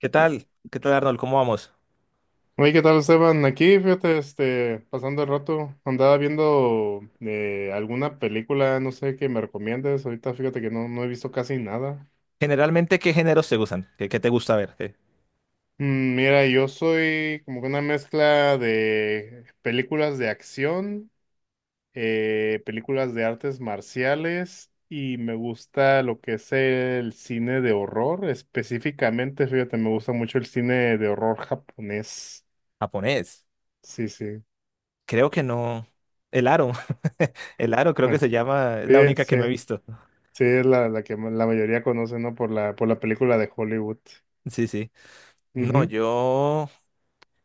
¿Qué tal? ¿Qué tal, Arnold? ¿Cómo vamos? Oye, ¿qué tal, Esteban? Aquí, fíjate, este, pasando el rato, andaba viendo alguna película, no sé, que me recomiendes. Ahorita, fíjate que no he visto casi nada. Generalmente, ¿qué géneros te gustan? ¿Qué te gusta ver? ¿Qué? Mira, yo soy como que una mezcla de películas de acción, películas de artes marciales y me gusta lo que es el cine de horror. Específicamente, fíjate, me gusta mucho el cine de horror japonés. ¿Japonés? Sí, sí. Creo que no. El Aro. El Aro creo que Bueno, se llama, es la sí, única que sí, me he visto. sí, es la que la mayoría conoce, ¿no? Por la película de Hollywood. Sí, sí. No, Ujú, yo...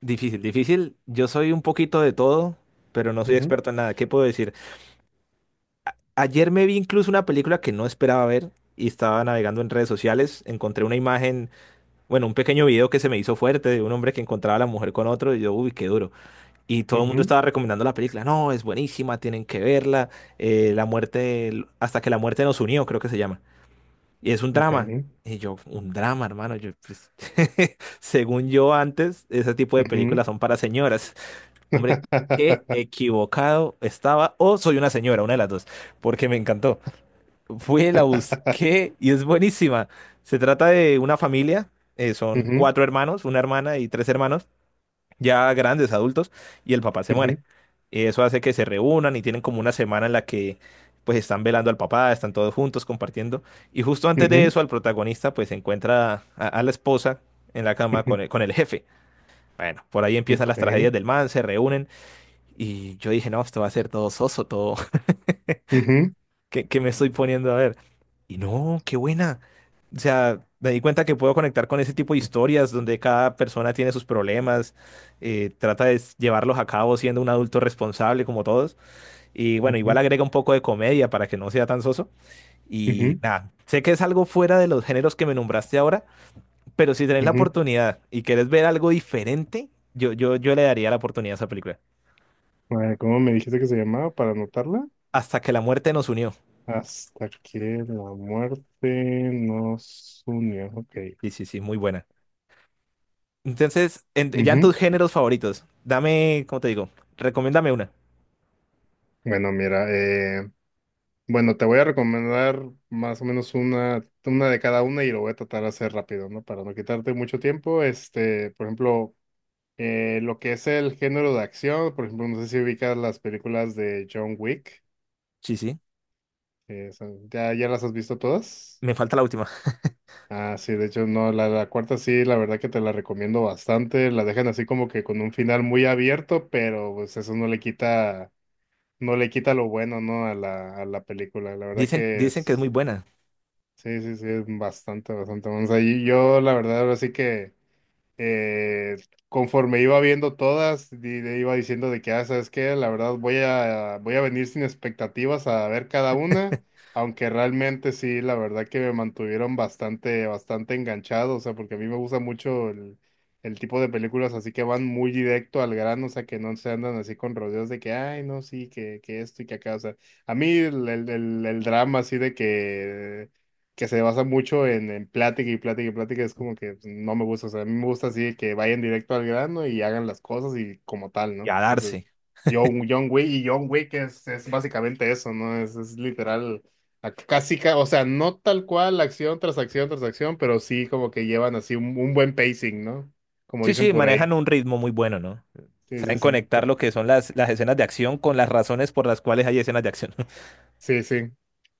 Difícil. Yo soy un poquito de todo, pero no soy ujú, experto en nada. ¿Qué puedo decir? Ayer me vi incluso una película que no esperaba ver y estaba navegando en redes sociales. Encontré una imagen, bueno, un pequeño video que se me hizo fuerte de un hombre que encontraba a la mujer con otro y yo, uy, qué duro. Y todo el mundo ujú, estaba recomendando la película. No, es buenísima, tienen que verla. La muerte, hasta que la muerte nos unió, creo que se llama. Y es un ok, drama. Y yo, un drama, hermano. Yo, pues, según yo antes, ese tipo de ujú. películas son para señoras. Hombre, qué equivocado estaba. O soy una señora, una de las dos, porque me encantó. Fui, la busqué y es buenísima. Se trata de una familia. Son Ujú, cuatro hermanos, una hermana y tres hermanos ya grandes, adultos, y el papá se muere. ujú, Eso hace que se reúnan y tienen como una semana en la que pues están velando al papá, están todos juntos compartiendo. Y justo antes de ujú, eso, al protagonista pues encuentra a la esposa en la cama ujú, con el jefe. Bueno, por ahí empiezan las tragedias ok, del man, se reúnen y yo dije, no, esto va a ser todo soso, todo, ujú, que me estoy poniendo a ver. Y no, qué buena. O sea, me di cuenta que puedo conectar con ese tipo de historias donde cada persona tiene sus problemas, trata de llevarlos a cabo siendo un adulto responsable como todos. Y bueno, igual ujú, agrega un poco de comedia para que no sea tan soso. Y ujú, nada, sé que es algo fuera de los géneros que me nombraste ahora, pero si tenés la ujú. oportunidad y querés ver algo diferente, yo le daría la oportunidad a esa película. A ver, ¿cómo me dijiste que se llamaba para anotarla? Hasta que la muerte nos unió. Hasta que la muerte nos unió. Ok. Sí, muy buena. Entonces, ya en Ujú. tus géneros favoritos, dame, ¿cómo te digo? Recomiéndame una. Bueno, mira, bueno, te voy a recomendar más o menos una de cada una y lo voy a tratar de hacer rápido, ¿no? Para no quitarte mucho tiempo. Este, por ejemplo, lo que es el género de acción, por ejemplo, no sé si ubicas las películas de John Wick. Sí, sí. ¿Ya, ya las has visto todas? Me falta la última. Ah, sí, de hecho, no, la cuarta sí, la verdad que te la recomiendo bastante. La dejan así como que con un final muy abierto, pero pues eso no le quita lo bueno, ¿no? A la película. La verdad Dicen, que dicen que es muy es. buena. Sí, sí, sí, es bastante, bastante bueno. O sea, y yo la verdad ahora sí que eh, conforme iba viendo todas, le iba diciendo de que, ah, ¿sabes qué? La verdad voy a, voy a venir sin expectativas a ver cada una, aunque realmente sí, la verdad que me mantuvieron bastante, bastante enganchado, o sea, porque a mí me gusta mucho el tipo de películas así que van muy directo al grano, o sea, que no se andan así con rodeos de que, ay, no, sí, que esto y que acá, o sea, a mí el drama así de que se basa mucho en plática y plática y plática, es como que no me gusta. O sea, a mí me gusta así que vayan directo al grano y hagan las cosas y como tal, Y ¿no? a Entonces, darse. John Wick y John Wick es básicamente eso, ¿no? Es literal, o sea, no tal cual acción tras acción tras acción, pero sí como que llevan así un buen pacing, ¿no? Como Sí, dicen sí, por ahí. manejan un ritmo muy bueno, ¿no? Sí, sí, Saben sí. conectar lo que son las escenas de acción con las razones por las cuales hay escenas de acción. Sí, sí.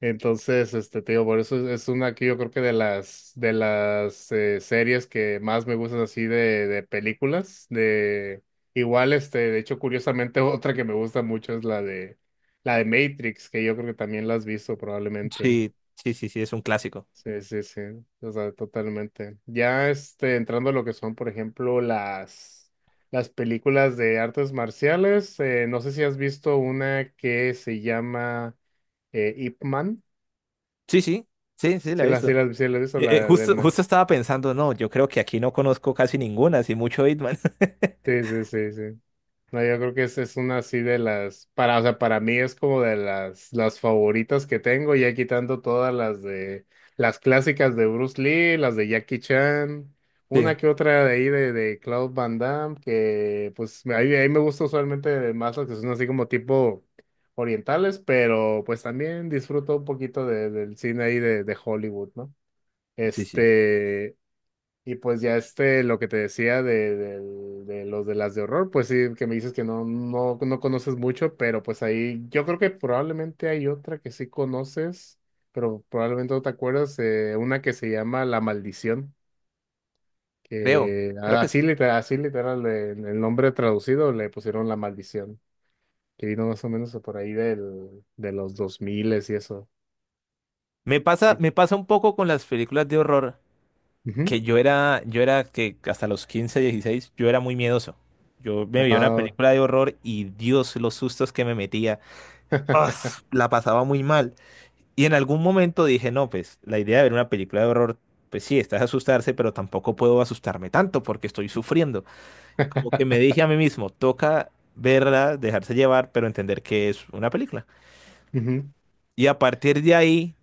Entonces, este, te digo, por eso es una que yo creo que de las series que más me gustan así de películas, de igual, este, de hecho, curiosamente, otra que me gusta mucho es la de Matrix, que yo creo que también la has visto probablemente. Sí, sí, sí, es un clásico. Sí, sí, sí, o sea, totalmente. Ya, este, entrando a lo que son, por ejemplo, las películas de artes marciales, no sé si has visto una que se llama Ip Man. Sí, sí, sí, sí, la Sí, he la, visto. sí, la, sí, la he visto, la Eh, eh, de justo, Elmer. justo estaba pensando, no, yo creo que aquí no conozco casi ninguna, así mucho Hitman. Sí, sí, sí, sí. No, yo creo que esa es una así de las, para, o sea, para mí es como de las favoritas que tengo, ya quitando todas las clásicas de Bruce Lee, las de Jackie Chan, Sí, una que otra de ahí de Claude Van Damme, que pues ahí, ahí me gusta usualmente más las que son así como tipo orientales, pero pues también disfruto un poquito del cine ahí de Hollywood, ¿no? sí, sí. Este, y pues ya este, lo que te decía de las de horror, pues sí, que me dices que no conoces mucho, pero pues ahí yo creo que probablemente hay otra que sí conoces, pero probablemente no te acuerdas, una que se llama La Maldición, Creo, que creo que sí. Así literal, en el nombre traducido le pusieron La Maldición, que vino más o menos por ahí de los 2000 y eso. Me pasa un poco con las películas de horror. Ujú. Yo era que hasta los 15, 16, yo era muy miedoso. Yo me veía una Ah. película de horror y Dios, los sustos que me metía, ¡ah! La pasaba muy mal. Y en algún momento dije, no, pues la idea de ver una película de horror, pues sí, estás asustarse, pero tampoco puedo asustarme tanto porque estoy sufriendo. Como que me dije a mí mismo, toca verla, dejarse llevar, pero entender que es una película. Ujú, Y a partir de ahí,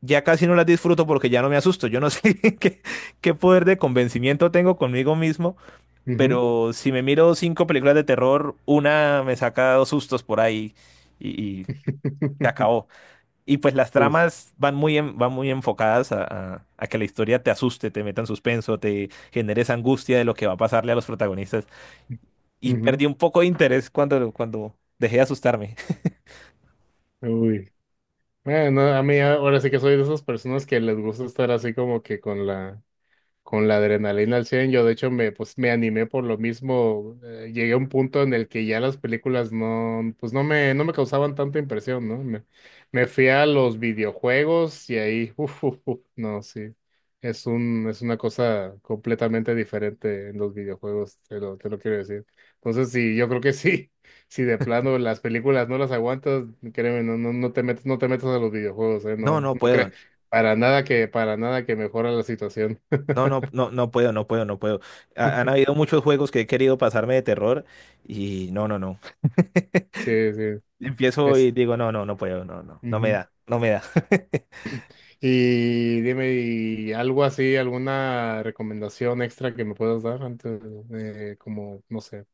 ya casi no las disfruto porque ya no me asusto. Yo no sé qué poder de convencimiento tengo conmigo mismo. ujú. Pero si me miro cinco películas de terror, una me saca dos sustos por ahí y se acabó. Y pues las Sí, tramas van muy, van muy enfocadas a, a que la historia te asuste, te meta en suspenso, te genere esa angustia de lo que va a pasarle a los protagonistas. Y ujú. perdí un poco de interés cuando dejé de asustarme. Uy. Bueno, a mí ahora sí que soy de esas personas que les gusta estar así como que con la adrenalina al cien. Yo de hecho me, pues, me animé por lo mismo. Llegué a un punto en el que ya las películas no, pues no me causaban tanta impresión, ¿no? Me fui a los videojuegos y ahí, uf, uf, uf, no, sí. Es un, es una cosa completamente diferente en los videojuegos, te lo quiero decir. Entonces, sí, yo creo que sí, si de plano las películas no las aguantas, créeme, no te metes, no te metas a los videojuegos, ¿eh? No, No, no no creas, puedo. para nada que mejora la situación. No, no, no, no puedo, no puedo, no puedo. Han habido muchos juegos que he querido pasarme de terror y no, no, no. Sí, sí, Empiezo es. y digo, no, no, no puedo, no, no, no me Ujú. da, no me da. Y dime, ¿y algo así, alguna recomendación extra que me puedas dar antes de, como, no sé?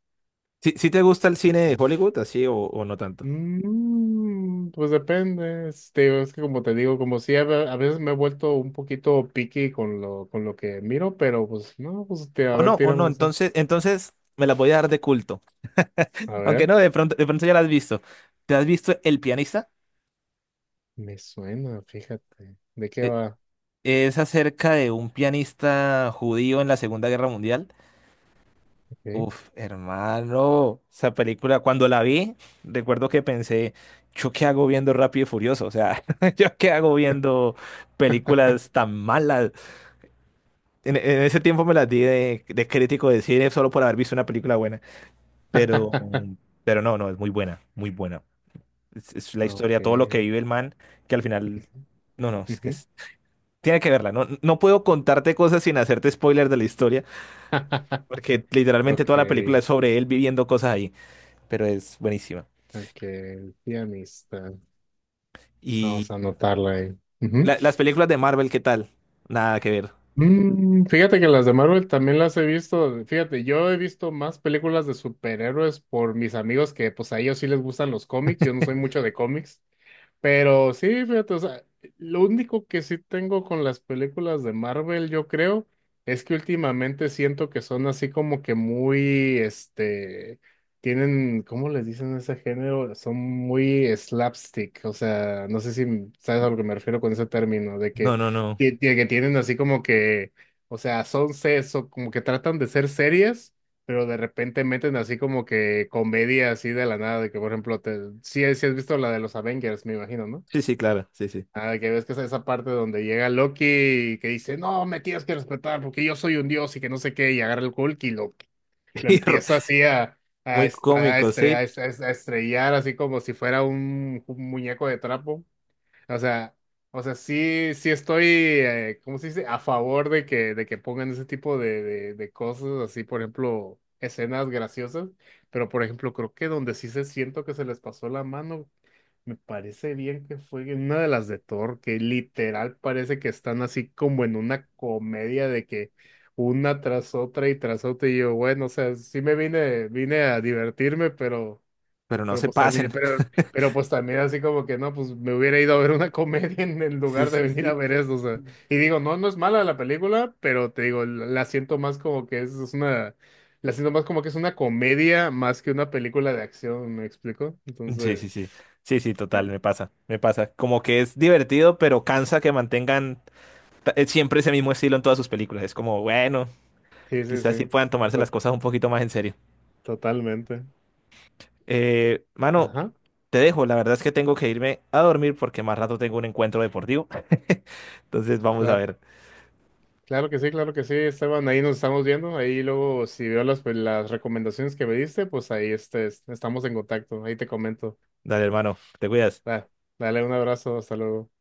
¿Sí, sí te gusta el cine de Ujú. Hollywood, así o no tanto? Mm, pues depende, este, es que como te digo, como si a, a veces me he vuelto un poquito picky con lo que miro, pero pues no, pues este, a O no, ver, o no, tírame esa. entonces me la voy a dar de culto. A Aunque ver, no, de pronto ya la has visto. ¿Te has visto El pianista? me suena, fíjate, ¿de qué E- va? Es acerca de un pianista judío en la Segunda Guerra Mundial. Ok. Uf, hermano, esa película, cuando la vi, recuerdo que pensé, ¿yo qué hago viendo Rápido y Furioso? O sea, ¿yo qué hago viendo películas tan malas? En ese tiempo me las di de crítico de cine solo por haber visto una película buena. Pero, pero no, no, es muy buena, muy buena. Es la Ok. historia, todo lo que vive el man, que al final. No, no, es que Ujú. Tiene que verla. No, no puedo contarte cosas sin hacerte spoilers de la historia, porque literalmente Ok. toda la película es sobre él viviendo cosas ahí. Pero es buenísima. Ok, sí, amistad. Y Vamos a anotarla ahí. Ujú. Las películas de Marvel, ¿qué tal? Nada que ver. Mm, fíjate que las de Marvel también las he visto. Fíjate, yo he visto más películas de superhéroes por mis amigos que pues a ellos sí les gustan los cómics. Yo no soy mucho de cómics. Pero sí, fíjate, o sea, lo único que sí tengo con las películas de Marvel, yo creo, es que últimamente siento que son así como que muy, este, tienen, ¿cómo les dicen ese género? Son muy slapstick, o sea, no sé si sabes a lo que me refiero con ese término, de que No, no, no. que, tie- que tienen así como que, o sea, son sesos, como que tratan de ser series, pero de repente meten así como que comedia así de la nada, de que por ejemplo, sí, sí has visto la de los Avengers, me imagino, ¿no? Sí, sí, claro, sí, sí. Ah, de que ves que es esa parte donde llega Loki y que dice, no, me tienes que respetar porque yo soy un dios y que no sé qué, y agarra el Hulk y lo empieza así a, Muy est- a cómico, estre- sí, a est- a estrellar así como si fuera un muñeco de trapo. O sea, o sea, sí, sí estoy, ¿cómo se dice? A favor de que pongan ese tipo de cosas, así, por ejemplo, escenas graciosas, pero por ejemplo, creo que donde sí se siento que se les pasó la mano, me parece bien que fue en una de las de Thor, que literal parece que están así como en una comedia de que una tras otra, y yo, bueno, o sea, sí me vine, vine a divertirme, pero... pero no Pero se pues también, pasen. pero, pero pues también así como que no, pues me hubiera ido a ver una comedia en el Sí, lugar de sí, venir a sí. ver eso, o sea. Y digo, no, no es mala la película, pero te digo, la siento más como que es una, la siento más como que es una comedia más que una película de acción, ¿me explico? Sí, sí, Entonces, sí. Sí, sí, total, me pasa, me pasa. Como que es divertido, pero cansa que mantengan siempre ese mismo estilo en todas sus películas. Es como, bueno, sí, sí, quizás sí sí, puedan tomarse las to- cosas un poquito más en serio. totalmente. Mano, Ajá, te dejo. La verdad es que tengo que irme a dormir porque más rato tengo un encuentro deportivo. Entonces vamos a claro, ver. Claro que sí, Esteban, ahí nos estamos viendo, ahí luego si veo las, pues, las recomendaciones que me diste, pues ahí este, estamos en contacto, ahí te comento. Dale, hermano, te cuidas. Va, dale un abrazo, hasta luego.